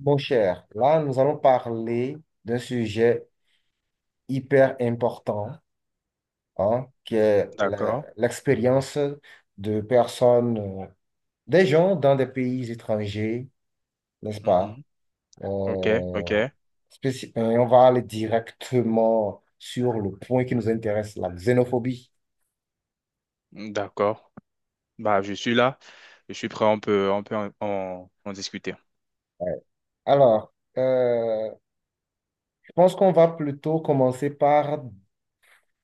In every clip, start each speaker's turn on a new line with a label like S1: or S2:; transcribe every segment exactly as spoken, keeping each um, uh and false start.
S1: Mon cher, là, nous allons parler d'un sujet hyper important, hein, qui est
S2: D'accord.
S1: la- l'expérience de personnes, euh, des gens dans des pays étrangers, n'est-ce pas?
S2: Mhm. Ok,
S1: Euh,
S2: ok.
S1: spéci- euh, on va aller directement sur le point qui nous intéresse, la xénophobie.
S2: D'accord. Bah, je suis là. Je suis prêt. On peut, on peut en, en- en discuter.
S1: Ouais. Alors, euh, je pense qu'on va plutôt commencer par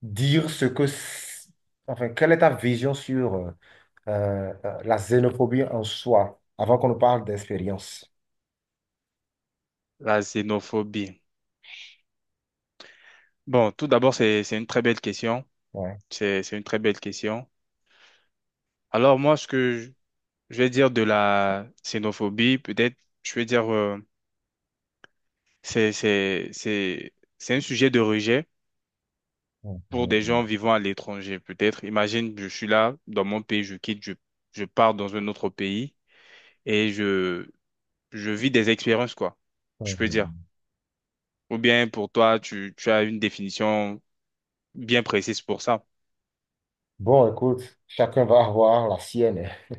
S1: dire ce que, c- enfin, quelle est ta vision sur euh, euh, euh, la xénophobie en soi, avant qu'on ne parle d'expérience.
S2: La xénophobie. Bon, tout d'abord, c'est, c'est une très belle question.
S1: Ouais.
S2: C'est, c'est une très belle question. Alors, moi, ce que je, je vais dire de la xénophobie, peut-être, je vais dire, euh, c'est, c'est, c'est, c'est un sujet de rejet pour des gens
S1: Mhm.
S2: vivant à l'étranger, peut-être. Imagine, je suis là, dans mon pays, je quitte, je, je pars dans un autre pays et je, je vis des expériences, quoi, je peux dire.
S1: Mhm.
S2: Ou bien pour toi, tu, tu as une définition bien précise pour ça.
S1: Bon, écoute, chacun va avoir la sienne, hein.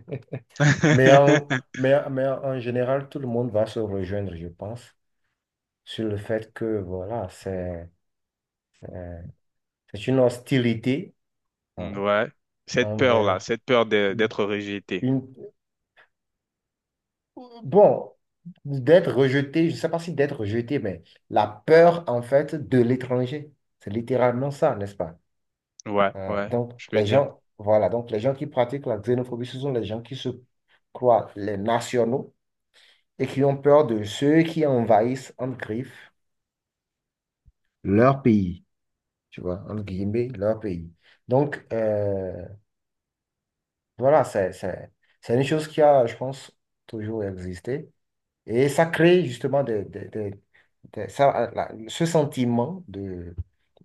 S1: Mais en, mais, mais en général, tout le monde va se rejoindre, je pense, sur le fait que, voilà, c'est euh, c'est une hostilité, hein,
S2: Ouais, cette peur-là,
S1: envers
S2: cette peur de- d'être rejeté.
S1: une... Bon, d'être rejeté, je ne sais pas si d'être rejeté, mais la peur, en fait, de l'étranger. C'est littéralement ça, n'est-ce pas?
S2: Ouais,
S1: Euh,
S2: ouais,
S1: donc,
S2: je peux
S1: les
S2: dire.
S1: gens, voilà, donc les gens qui pratiquent la xénophobie, ce sont les gens qui se croient les nationaux et qui ont peur de ceux qui envahissent, en griffe, leur pays, tu vois, entre guillemets, leur pays. Donc, euh, voilà, c'est, c'est, c'est une chose qui a, je pense, toujours existé. Et ça crée justement des, des- des- des- ça, euh, la- ce sentiment de,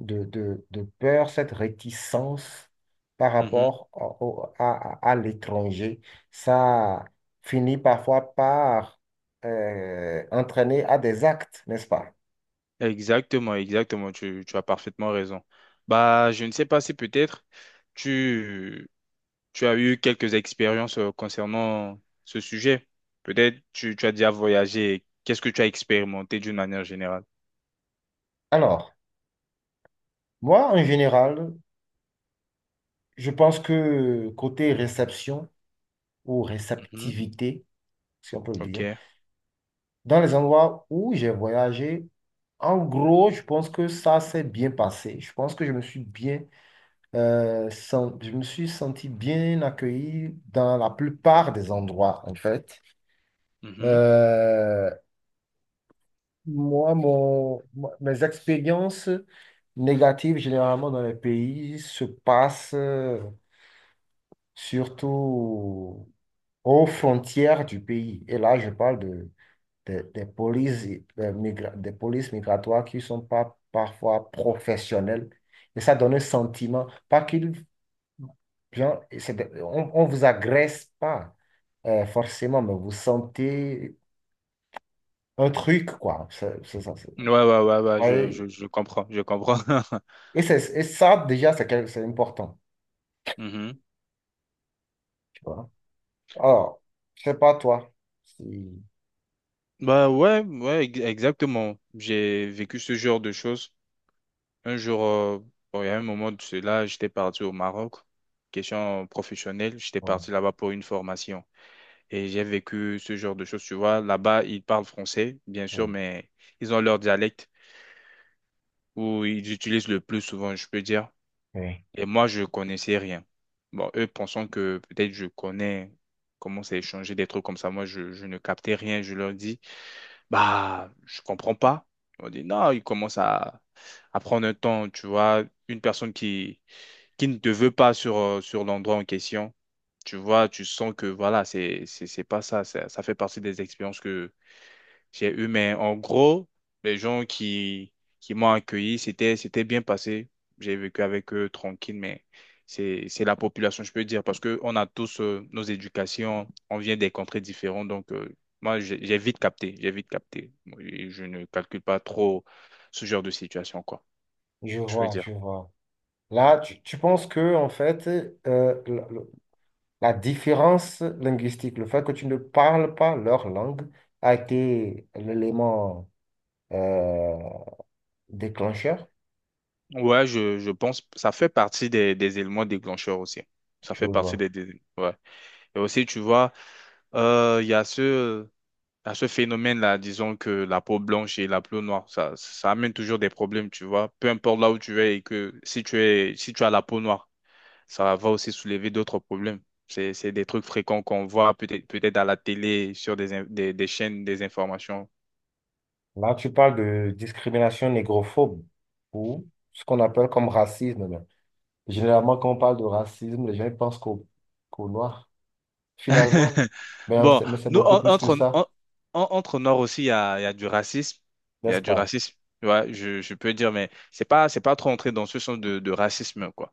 S1: de, de- de peur, cette réticence par
S2: Mhm.
S1: rapport au- au- à, à- à l'étranger. Ça finit parfois par euh, entraîner à des actes, n'est-ce pas?
S2: Exactement, exactement, tu, tu as parfaitement raison. Bah, je ne sais pas si peut-être tu, tu as eu quelques expériences euh, concernant ce sujet. Peut-être tu, tu as déjà voyagé. Qu'est-ce que tu as expérimenté d'une manière générale?
S1: Alors, moi, en général, je pense que côté réception ou
S2: Mhm.
S1: réceptivité, si on peut le dire,
S2: Ok.
S1: dans les endroits où j'ai voyagé, en gros, je pense que ça s'est bien passé. Je pense que je me suis bien, euh, sen- je me suis senti bien accueilli dans la plupart des endroits, en fait.
S2: Mhm.
S1: Euh, moi, mon, moi, mes expériences négatives, généralement dans les pays, se passent euh, surtout aux frontières du pays. Et là, je parle de des, des polices, des, migra- des polices migratoires qui sont pas parfois professionnelles. Et ça donne un sentiment, pas qu'ils, bien, c'est des- on, on vous agresse pas euh, forcément, mais vous sentez un truc, quoi. C'est- c'est ça, c'est-
S2: Ouais, ouais, ouais, ouais, je,
S1: ouais.
S2: je, je comprends, je comprends.
S1: Et, c'est- et ça, déjà, c'est quel- c'est important,
S2: Mhm.
S1: tu vois. Alors, je sais pas toi. si-
S2: Bah ouais, ouais, ex- exactement. J'ai vécu ce genre de choses. Un jour, euh, bon, il y a un moment de cela, j'étais parti au Maroc, question professionnelle, j'étais
S1: ouais,
S2: parti là-bas pour une formation. Et j'ai vécu ce genre de choses, tu vois. Là-bas, ils parlent français, bien sûr,
S1: ouais,
S2: mais ils ont leur dialecte où ils utilisent le plus souvent, je peux dire.
S1: ouais.
S2: Et moi, je connaissais rien. Bon, eux pensant que peut-être je connais comment c'est échanger des trucs comme ça. Moi, je, je ne captais rien. Je leur dis, bah, je comprends pas. On dit, non, ils commencent à, à prendre un temps, tu vois. Une personne qui, qui ne te veut pas sur, euh, sur l'endroit en question, tu vois, tu sens que voilà, c'est, c'est, c'est pas ça, ça. Ça fait partie des expériences que j'ai eu, mais en gros, les gens qui, qui m'ont accueilli, c'était, c'était bien passé. J'ai vécu avec eux tranquille, mais c'est, c'est la population, je peux dire, parce que on a tous euh, nos éducations, on vient des contrées différentes, donc euh, moi, j'ai j'ai vite capté, j'ai vite capté. Et je ne calcule pas trop ce genre de situation, quoi,
S1: Je
S2: je peux
S1: vois, je
S2: dire.
S1: vois. Là, tu, tu penses que, en fait, euh, la différence linguistique, le fait que tu ne parles pas leur langue, a été l'élément euh, déclencheur,
S2: Ouais, je, je pense, ça fait partie des, des éléments déclencheurs aussi. Ça
S1: tu
S2: fait partie
S1: vois.
S2: des, des- ouais. Et aussi, tu vois, euh, il y a ce à ce phénomène-là, disons que la peau blanche et la peau noire, ça, ça amène toujours des problèmes, tu vois. Peu importe là où tu es et que si tu es, si tu as la peau noire, ça va aussi soulever d'autres problèmes. C'est, c'est des trucs fréquents qu'on voit peut-être peut-être à la télé, sur des, in- des, des chaînes, des informations.
S1: Là, tu parles de discrimination négrophobe ou ce qu'on appelle comme racisme là. Généralement, quand on parle de racisme, les gens ils pensent qu'au qu'au noir, finalement. Mais, euh,
S2: Bon,
S1: c'est mais c'est
S2: nous,
S1: beaucoup
S2: en-
S1: plus que
S2: entre,
S1: ça,
S2: en- en- entre Noirs aussi, il y a, il y a du racisme. Il y
S1: n'est-ce
S2: a du
S1: pas?
S2: racisme, tu vois, je, je peux dire, mais c'est pas, c'est pas trop entré dans ce sens de, de racisme, quoi.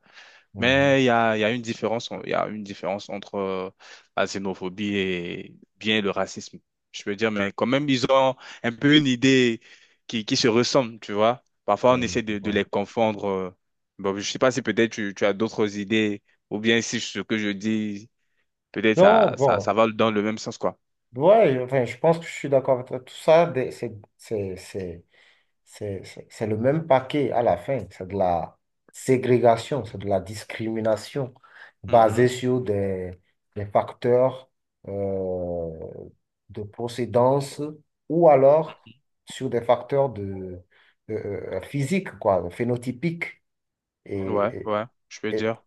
S2: Mais
S1: Mhm.
S2: il y a, il y a une différence, il y a une différence entre euh, la xénophobie et bien le racisme. Je veux dire, mais quand même, ils ont un peu une idée qui, qui se ressemble, tu vois. Parfois, on
S1: Ouais,
S2: essaie
S1: je
S2: de, de les
S1: vois.
S2: confondre. euh. Bon, je sais pas si peut-être tu, tu as d'autres idées, ou bien si ce que je dis, peut-être
S1: Non,
S2: ça, ça, ça
S1: bon,
S2: va dans le même sens, quoi.
S1: ouais, enfin, je pense que je suis d'accord avec toi. Tout ça, des- c'est, c'est, c'est- C'est c'est- c'est le même paquet à la fin. C'est de la ségrégation, c'est de la discrimination basée
S2: Mhm.
S1: sur des, des facteurs euh, de procédance ou alors sur des facteurs de, euh, euh, physiques, quoi, phénotypiques.
S2: Ouais,
S1: Et,
S2: ouais, je veux
S1: et, et-
S2: dire.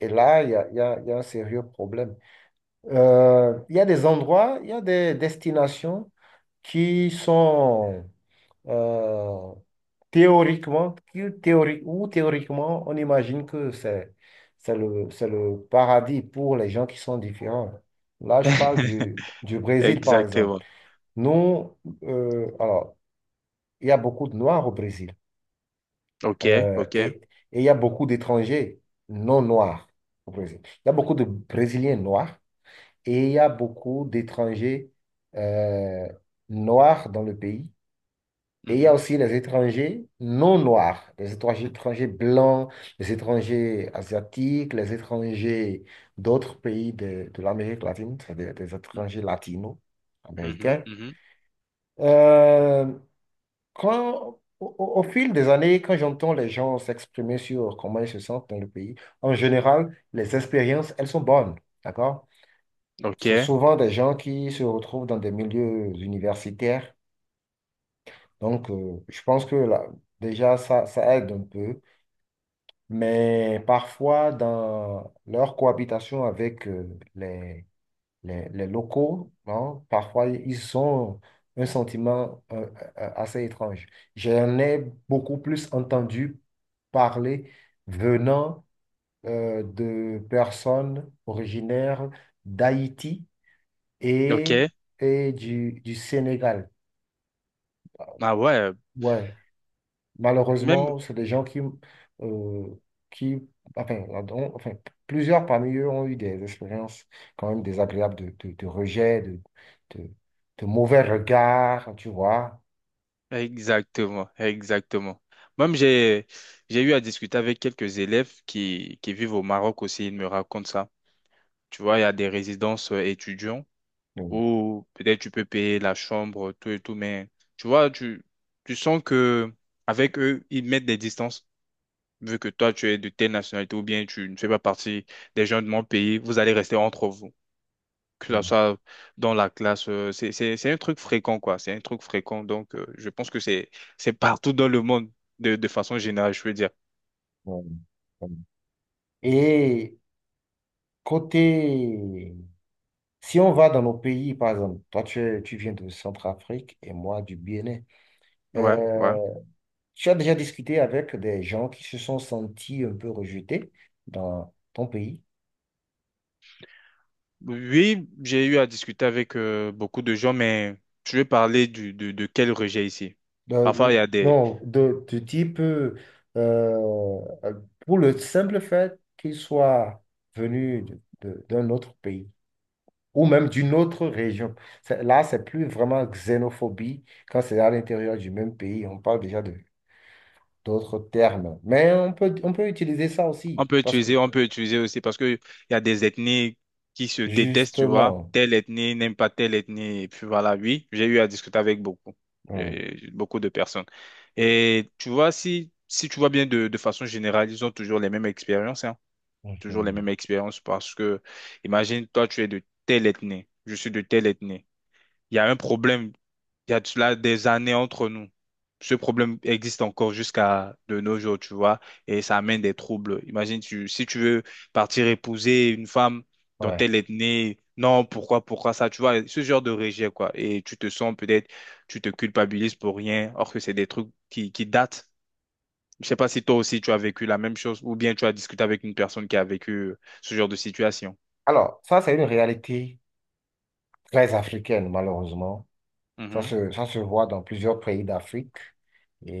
S1: et là, il y a, il y a- il y a un sérieux problème. Euh, il y a des endroits, il y a des destinations qui sont euh, théoriquement, que théori- ou théoriquement, on imagine que c'est c'est le, c'est le paradis pour les gens qui sont différents. Là, je parle du, du Brésil, par exemple.
S2: Exactement.
S1: Nous, euh, alors, il y a beaucoup de Noirs au Brésil
S2: Ok,
S1: euh, et,
S2: ok.
S1: et il y a beaucoup d'étrangers non noirs au Brésil. Il y a beaucoup de Brésiliens noirs et il y a beaucoup d'étrangers euh, noirs dans le pays. Et il y a
S2: Mhm.
S1: aussi les étrangers non noirs, les étrangers étrangers blancs, les étrangers asiatiques, les étrangers d'autres pays de, de l'Amérique latine, c'est-à-dire des étrangers
S2: Mhm,
S1: latino-américains.
S2: mhm.
S1: Euh, quand, au, au- au fil des années, quand j'entends les gens s'exprimer sur comment ils se sentent dans le pays, en général, les expériences, elles sont bonnes, d'accord?
S2: Ok,
S1: C'est souvent des gens qui se retrouvent dans des milieux universitaires. Donc, euh, je pense que là, déjà, ça, ça aide un peu, mais parfois, dans leur cohabitation avec euh, les, les, les locaux, hein, parfois, ils ont un sentiment euh, euh, euh, assez étrange. J'en ai beaucoup plus entendu parler venant euh, de personnes originaires d'Haïti
S2: ok.
S1: et, et du, du Sénégal.
S2: Ah ouais,
S1: Ouais.
S2: même.
S1: Malheureusement, c'est des gens qui, euh, qui enfin, ont- enfin, plusieurs parmi eux ont eu des expériences quand même désagréables de, de, de rejet, de, de, de mauvais regards, tu vois.
S2: Exactement, exactement. Même j'ai j'ai eu à discuter avec quelques élèves qui, qui vivent au Maroc aussi, ils me racontent ça. Tu vois, il y a des résidences euh, étudiants
S1: Mm,
S2: où peut-être tu peux payer la chambre, tout et tout, mais tu vois, tu, tu sens que avec eux, ils mettent des distances. Vu que toi, tu es de telle nationalité ou bien tu ne fais pas partie des gens de mon pays, vous allez rester entre vous que ça
S1: mm,
S2: soit dans la classe, euh, c'est, c'est, c'est un truc fréquent, quoi. C'est un truc fréquent. Donc, euh, je pense que c'est, c'est partout dans le monde, de, de façon générale, je veux dire.
S1: mm, mm. Et côté, si on va dans nos pays, par exemple, toi tu, es- tu viens de Centrafrique et moi du Bénin,
S2: Ouais, ouais.
S1: euh, tu as déjà discuté avec des gens qui se sont sentis un peu rejetés dans ton pays?
S2: Oui, j'ai eu à discuter avec euh, beaucoup de gens, mais je vais parler du, de, de quel rejet ici. Parfois,
S1: Euh,
S2: il y a des,
S1: non, de, du type, euh, euh, pour le simple fait qu'il soit venu de- de- d'un autre pays ou même d'une autre région. C'est- Là, c'est plus vraiment xénophobie quand c'est à l'intérieur du même pays. On parle déjà de d'autres termes. Mais on peut, on peut utiliser ça aussi
S2: on peut
S1: parce que
S2: utiliser, on peut utiliser aussi parce que il y a des ethnies qui se détestent, tu vois.
S1: justement,
S2: Telle ethnie n'aime pas telle ethnie. Et puis voilà, oui, j'ai eu à discuter avec beaucoup,
S1: oui.
S2: euh, beaucoup de personnes. Et tu vois, si, si tu vois bien de, de façon générale, ils ont toujours les mêmes expériences, hein. Toujours les
S1: Mhm,
S2: mêmes expériences parce que, imagine, toi, tu es de telle ethnie, je suis de telle ethnie. Il y a un problème il y a de cela des années entre nous. Ce problème existe encore jusqu'à de nos jours, tu vois, et ça amène des troubles. Imagine, tu, si tu veux partir épouser une femme dont elle
S1: ouais.
S2: est née, non, pourquoi, pourquoi ça, tu vois, ce genre de rejet, quoi. Et tu te sens peut-être, tu te culpabilises pour rien, or que c'est des trucs qui, qui datent. Je sais pas si toi aussi tu as vécu la même chose, ou bien tu as discuté avec une personne qui a vécu euh, ce genre de situation.
S1: Alors, ça, c'est une réalité très africaine, malheureusement. Ça se, ça se voit dans plusieurs pays d'Afrique.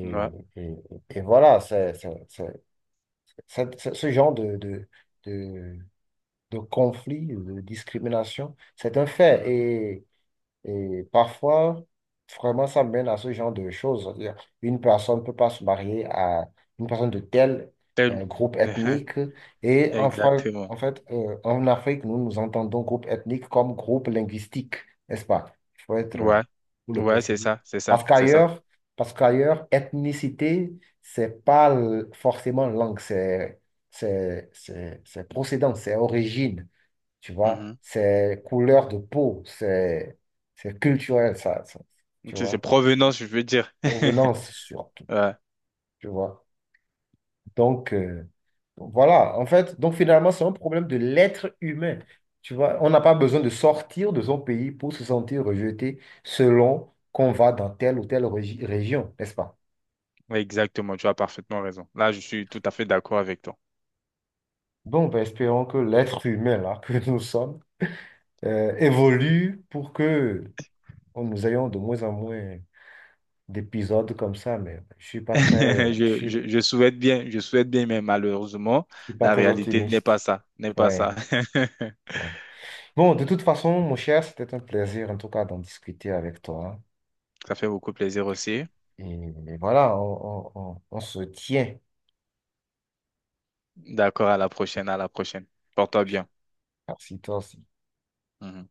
S2: Mhm. Ouais.
S1: et, et voilà, c'est, c'est, c'est- c'est- c'est- ce genre de, de, de, de conflit, de discrimination, c'est un
S2: Mhm.
S1: fait. Et parfois, vraiment, ça mène à ce genre de choses. C'est-à-dire, une personne ne peut pas se marier à une personne de tel euh,
S2: Tel-
S1: groupe ethnique. Et en, fra-
S2: Exactement.
S1: en fait, euh, en Afrique, nous nous entendons groupe ethnique comme groupe linguistique, n'est-ce pas? Il faut être, euh,
S2: Ouais,
S1: pour le
S2: ouais, c'est
S1: préciser.
S2: ça, c'est
S1: Parce
S2: ça, c'est ça.
S1: qu'ailleurs, parce qu'ailleurs, ethnicité, c'est pas l- forcément langue, c'est c'est- c'est- c'est procédant, c'est origine. Tu vois,
S2: Mhm.
S1: c'est couleur de peau, c'est c'est culturel, ça, ça, tu
S2: C'est c'est
S1: vois.
S2: provenance, je veux dire.
S1: Provenance surtout,
S2: Ouais.
S1: tu vois. Donc, euh, voilà, en fait, donc finalement, c'est un problème de l'être humain. Tu vois, on n'a pas besoin de sortir de son pays pour se sentir rejeté selon qu'on va dans telle ou telle régi- région, n'est-ce pas?
S2: Oui, exactement, tu as parfaitement raison. Là, je suis tout à fait d'accord avec toi.
S1: Bon, ben, espérons que l'être humain, là, que nous sommes, euh, évolue pour que on- nous ayons de moins en moins d'épisodes comme ça, mais je suis pas très, je
S2: Je,
S1: suis...
S2: je, je souhaite bien, je souhaite bien, mais malheureusement,
S1: Je suis pas
S2: la
S1: très
S2: réalité n'est pas
S1: optimiste.
S2: ça, n'est pas ça.
S1: Ouais, ouais. Bon, de toute façon, mon cher, c'était un plaisir, en tout cas, d'en discuter avec toi.
S2: Ça fait beaucoup plaisir aussi.
S1: Et, et voilà, on, on- on- on se tient.
S2: D'accord, à la prochaine, à la prochaine. Porte-toi
S1: Je sais
S2: bien.
S1: pas si toi aussi.
S2: Mhm.